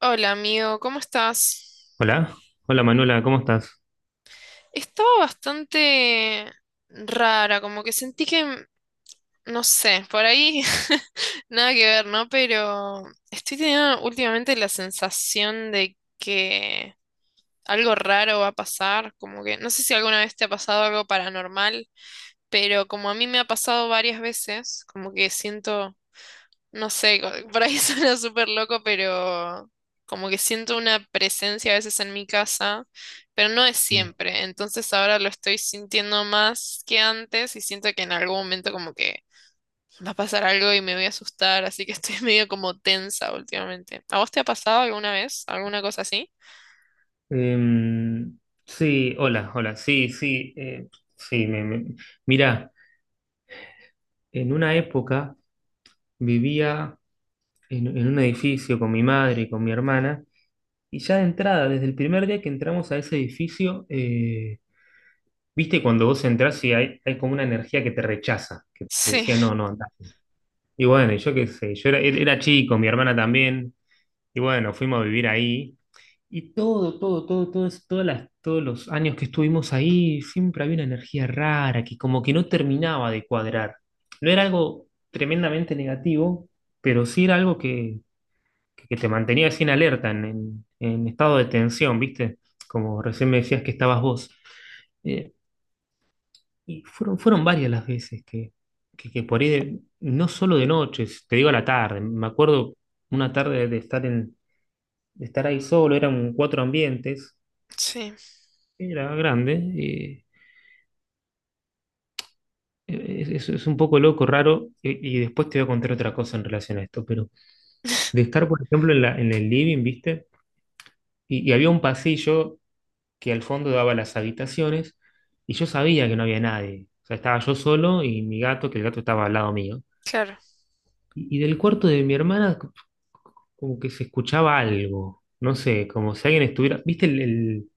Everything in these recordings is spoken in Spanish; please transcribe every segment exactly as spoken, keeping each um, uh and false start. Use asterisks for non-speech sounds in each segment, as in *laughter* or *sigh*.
Hola amigo, ¿cómo estás? Hola, hola Manuela, ¿cómo estás? Estaba bastante rara, como que sentí que, m- no sé, por ahí *laughs* nada que ver, ¿no? Pero estoy teniendo últimamente la sensación de que algo raro va a pasar, como que no sé si alguna vez te ha pasado algo paranormal, pero como a mí me ha pasado varias veces, como que siento. No sé, co- por ahí *laughs* suena súper loco, pero como que siento una presencia a veces en mi casa, pero no es siempre. Entonces ahora lo estoy sintiendo más que antes y siento que en algún momento como que va a pasar algo y me voy a asustar, así que estoy *laughs* medio como tensa últimamente. ¿A vos te ha pasado alguna vez alguna cosa así? Em, sí, hola, hola, sí, sí, eh, sí, me, me- mirá, en una época vivía en, en un edificio con mi madre y con mi hermana, y ya de entrada, desde el primer día que entramos a ese edificio, eh, viste, cuando vos entrás y hay, hay como una energía que te rechaza, que te Sí, decía, no, no, andá. Y bueno, y yo qué sé, yo era, era chico, mi hermana también, y bueno, fuimos a vivir ahí. Y todo, todo, todo, todo, es- todas las, todos los años que estuvimos ahí, siempre había una energía rara que como que no terminaba de cuadrar. No era algo tremendamente negativo, pero sí era algo que, que- que te mantenía así en alerta, en, en- en estado de tensión, ¿viste? Como recién me decías que estabas vos. Eh, y fueron, fueron varias las veces que, que, que por ahí, de- no solo de noches, te digo a la tarde, me acuerdo una tarde de estar, en, de estar ahí solo, eran cuatro ambientes. sí, Era grande y es, es- es un poco loco, raro, y, y después te voy a contar otra cosa en relación a esto, pero de *laughs* estar, por ejemplo, en la, en el living, ¿viste? Y, y había un pasillo que al fondo daba las habitaciones, y yo sabía que no había nadie. O sea, estaba yo solo y mi gato, que el gato estaba al lado mío. claro, Y, y del cuarto de mi hermana, c- como que se escuchaba algo, no sé, como si alguien estuviera, ¿viste el, el-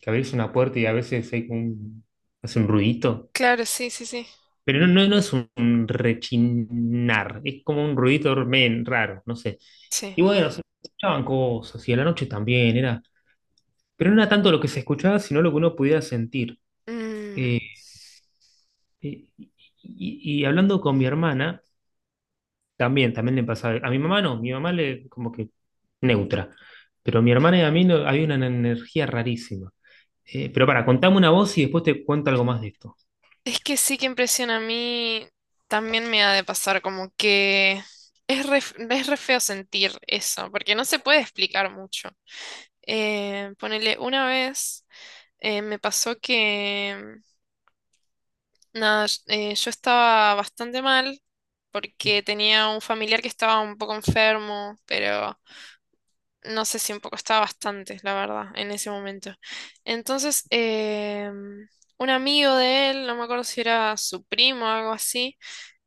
que abrís una puerta y a veces hay como un, hace un ruidito? claro, sí, sí, sí, Pero no, no, no es un rechinar, es como un ruidito men, raro, no sé. sí. Y bueno, se escuchaban cosas, y a la noche también, era, pero no era tanto lo que se escuchaba, sino lo que uno pudiera sentir. Mm. Eh, eh, y, y- y hablando con mi hermana, también, también le pasaba. A mi mamá no, mi mamá le como que neutra. Pero mi hermana y a mí no, había una energía rarísima. Eh, pero para, contame una voz y después te cuento algo más de esto. Es que sí que impresiona a mí, también me ha de pasar como que es re, es re feo sentir eso, porque no se puede explicar mucho. Eh, ponele, una vez eh, me pasó que, nada, sh- eh, yo estaba bastante mal porque tenía un familiar que estaba un poco enfermo, pero no sé si un poco estaba bastante, la verdad, en ese momento. Entonces, em, un amigo de él, no me acuerdo si era su primo o algo así,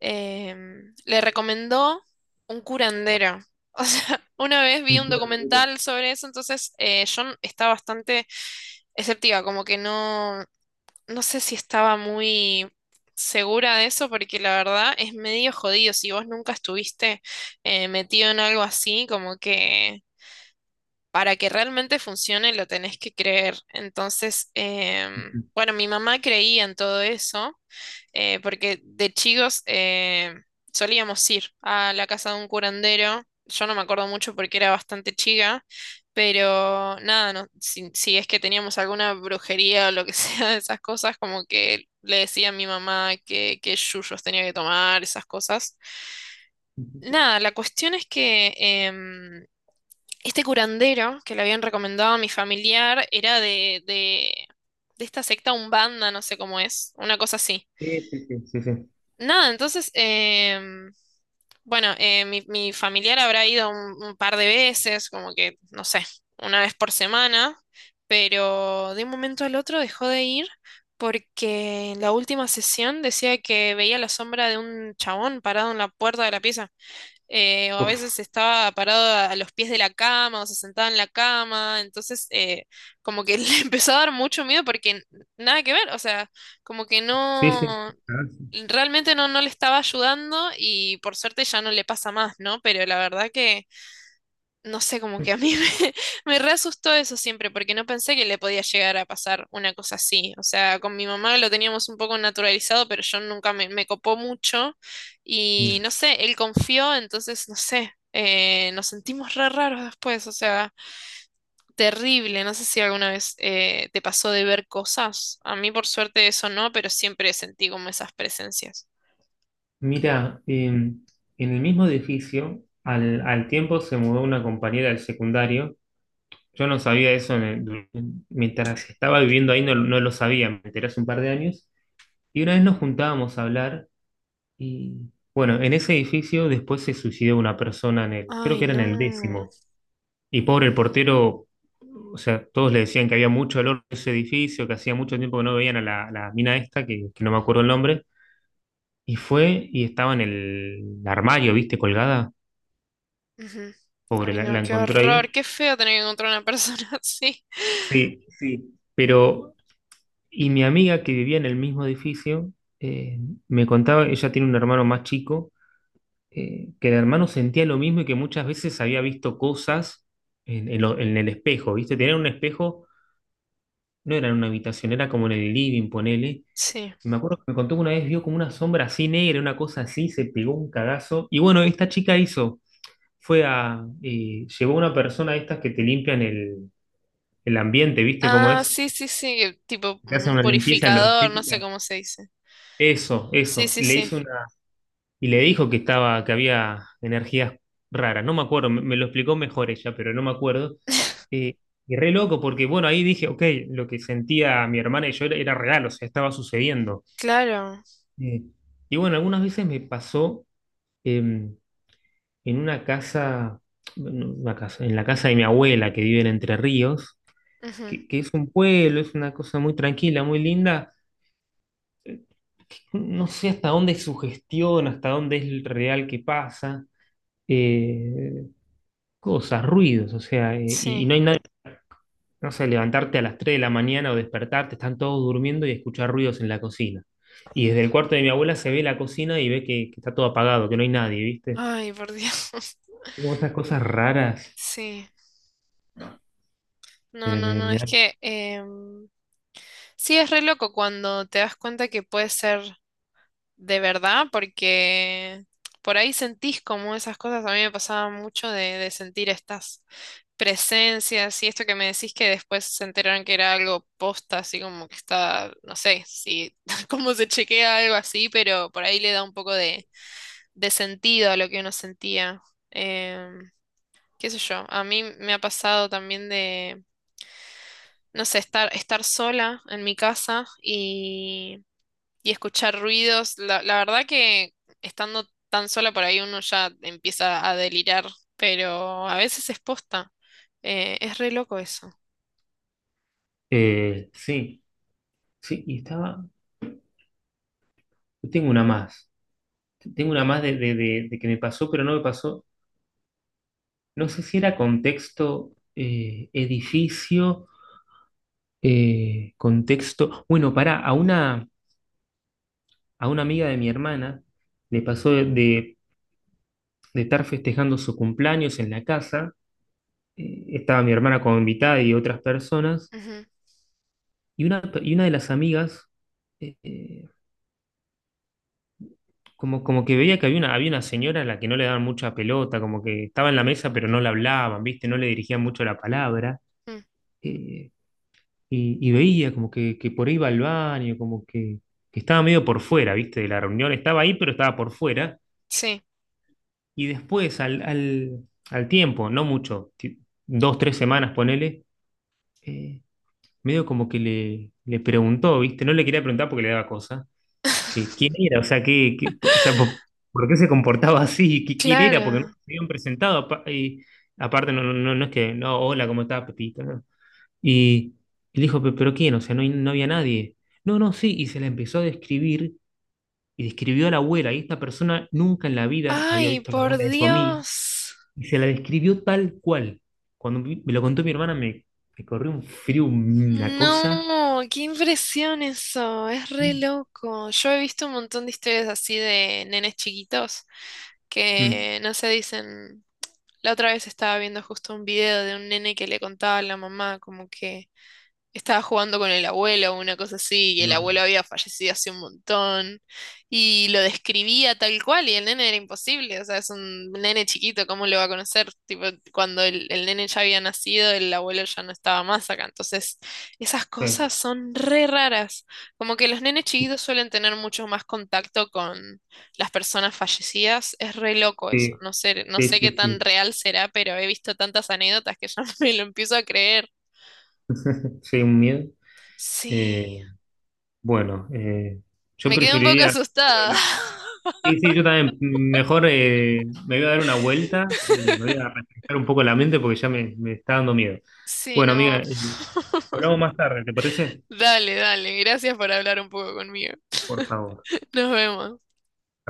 em, le recomendó un curandero. O sea, *laughs* una vez vi un Cintura del Duero. documental sobre eso, entonces eh, yo n- estaba bastante escéptica, como que no, no sé si estaba muy segura de eso, porque la verdad es medio jodido. Si vos nunca estuviste eh, metido en algo así, como que para que realmente funcione lo tenés que creer. Entonces, em, bueno, mi mamá creía en todo eso eh, porque de chicos eh, solíamos ir a la casa de un curandero. Yo no me acuerdo mucho porque era bastante chica, pero nada, no, si, si es que teníamos alguna brujería o lo que *laughs* sea de esas cosas, como que le decía a mi mamá que, que yuyos tenía que tomar, esas cosas. Nada, la cuestión es que em, este curandero que le habían recomendado a mi familiar era de, de, de esta secta Umbanda, no sé cómo es, una cosa así. Sí, sí, sí, sí, sí. Nada, entonces, em, bueno, eh, mi, mi familiar habrá ido un, un par de veces, como que, no sé, una vez por semana, pero de un momento al otro dejó de ir porque en la última sesión decía que veía la sombra de un chabón parado en la puerta de la pieza eh, o a veces Uf, estaba parado a, a los pies de la cama o se sentaba en la cama, entonces eh, como que *laughs* le empezó a dar mucho miedo porque nada que ver, o sea, como que sí, sí. no, Ah, realmente no, no le estaba ayudando y por suerte ya no le pasa más, ¿no? Pero la verdad que no sé, como que a mí me, *laughs* me re asustó eso siempre, porque no pensé que le podía llegar a pasar una cosa así. O sea, con mi mamá lo teníamos un poco naturalizado, pero yo nunca me, me copó mucho. Y sí. no sé, él confió, entonces, no sé, eh, nos sentimos re raros después. O sea, terrible. No sé si alguna vez eh, te pasó de ver cosas. A mí, por suerte, eso no, pero siempre sentí como esas presencias. Mira, em, en el mismo edificio, al, al tiempo se mudó una compañera del secundario. Yo no sabía eso en el- en- mientras estaba viviendo ahí, no, no lo sabía, me enteré hace un par de años. Y una vez nos juntábamos a hablar y, bueno, en ese edificio después se suicidó una persona en el, creo Ay, que era en el no. décimo. Y pobre el portero, o sea, todos le decían que había mucho olor en ese edificio, que hacía mucho tiempo que no veían a la, la mina esta, que que no me acuerdo el nombre. Y fue y estaba en el armario, ¿viste? Colgada. Ujú. Pobre, Ay, la, no, la qué encontró horror, ahí. qué feo tener que encontrar una persona *laughs* así. Sí, sí, pero, y mi amiga que vivía en el mismo edificio, eh, me contaba, ella tiene un hermano más chico, eh, que el hermano sentía lo mismo y que muchas veces había visto cosas en, en lo- en el espejo, ¿viste? Tenían un espejo, no era en una habitación, era como en el living, ponele. Sí. Y me acuerdo que me contó que una vez vio como una sombra así negra, una cosa así, se pegó un cagazo. Y bueno, esta chica hizo, fue a, eh, llevó a una persona de estas que te limpian el, el ambiente, ¿viste cómo Ah, es? sí, sí, sí, tipo Te hacen un una limpieza purificador, no sé energética. cómo se dice. Eso, Sí, eso. sí, Le sí. hizo una, y le dijo que estaba, que había energías raras. No me acuerdo, me, me lo explicó mejor ella, pero no me acuerdo. *laughs* Eh, y re loco, porque bueno, ahí dije, ok, lo que sentía mi hermana y yo era, era real, o sea, estaba sucediendo. Claro. Eh, y bueno, algunas veces me pasó em, en una casa, no, una casa, en la casa de mi abuela que vive en Entre Ríos, Ujú. que, que es un pueblo, es una cosa muy tranquila, muy linda. No sé hasta dónde es sugestión, hasta dónde es real que pasa, eh, cosas, ruidos, o sea, eh, y, y Sí. no hay nadie, no sé, levantarte a las tres de la mañana o despertarte, están todos durmiendo y escuchar ruidos en la cocina. Y desde el cuarto de mi abuela se ve la cocina y ve que, que está todo apagado, que no hay nadie, ¿viste? Ay, por Dios. *laughs* Como esas cosas raras. Sí. No, eh, no, me- no, me es da- miedo. que em, sí es re loco cuando te das cuenta que puede ser de verdad, porque por ahí sentís como esas cosas. A mí me pasaba mucho de, de sentir estas presencias y esto que me decís que después se enteraron que era algo posta, así como que está, no sé, si *laughs* cómo se chequea algo así, pero por ahí le da un poco de, de sentido a lo que uno sentía. Em, Qué sé yo, a mí me ha pasado también de, no sé, estar, estar sola en mi casa y, y escuchar ruidos. La, la verdad que estando tan sola por ahí uno ya empieza a delirar, pero a veces es posta. Eh, es re loco eso. Eh, sí, sí, y estaba, tengo una más, tengo una más de, de- de- de que me pasó, pero no me pasó. No sé si era contexto eh, edificio, eh, contexto. Bueno, pará, a una, a una amiga de mi hermana le pasó de, de- de estar festejando su cumpleaños en la casa. eh, estaba mi hermana como invitada y otras personas. Y una, y una de las amigas, eh, eh, como, como que veía que había una, había una señora a la que no le daban mucha pelota, como que estaba en la mesa pero no le hablaban, ¿viste? No le dirigían mucho la palabra. Mm. eh, y, y veía como que, que por ahí iba al baño, como que, que estaba medio por fuera, ¿viste? De la reunión estaba ahí, pero estaba por fuera. Sí, Y después, al, al, al tiempo, no mucho, ti- dos, tres semanas, ponele, eh, medio como que le, le preguntó, ¿viste? No le quería preguntar porque le daba cosa, que quién *laughs* era, o sea, que, que- o sea, por, por qué se comportaba *laughs* así, que quién era, porque no claro. se habían presentado. apa- y aparte, no, no, no no es que, no, hola, ¿cómo estás, Pepito? Y él dijo, "Pe- ¿pero quién? O sea, no, hay- no había nadie. No, no, sí, y se la empezó a describir y describió a la abuela. Y esta persona nunca en la vida había Ay, visto a la por abuela de su amiga Dios. y se la describió tal cual. Cuando vi- me lo contó mi hermana, me, me corrió un frío, una cosa. No, qué impresión eso. Es re loco. Yo he visto un montón de historias así de nenes chiquitos Mm, que no se dicen. La otra vez estaba viendo justo un video de un nene que le contaba a la mamá como que estaba jugando con el abuelo o una cosa así, y el no, abuelo había fallecido hace un montón, y lo describía tal cual, y el nene era imposible, o sea, es un nene chiquito, ¿cómo lo va a conocer? Tipo, cuando el, el nene ya había nacido, el abuelo ya no estaba más acá, entonces esas sí, cosas son re raras, como que los nenes chiquitos suelen tener mucho más contacto con las personas fallecidas, es re loco eso, sí, no sé, no sí, sé sí, qué tan sí, real será, pero he visto tantas anécdotas que ya *laughs* me lo empiezo a creer. sí, un miedo. Eh, Sí. bueno, eh, yo Me quedé un poco preferiría ir a asustada. hablar. *laughs* Sí, sí, yo también. Mejor eh, me voy a dar una vuelta y me voy a refrescar un poco la mente porque ya me, me está dando miedo. Sí, Bueno, amiga, no. eh, hablamos más tarde, ¿te parece? Dale, dale. Gracias por hablar un poco conmigo. Por favor. Nos vemos.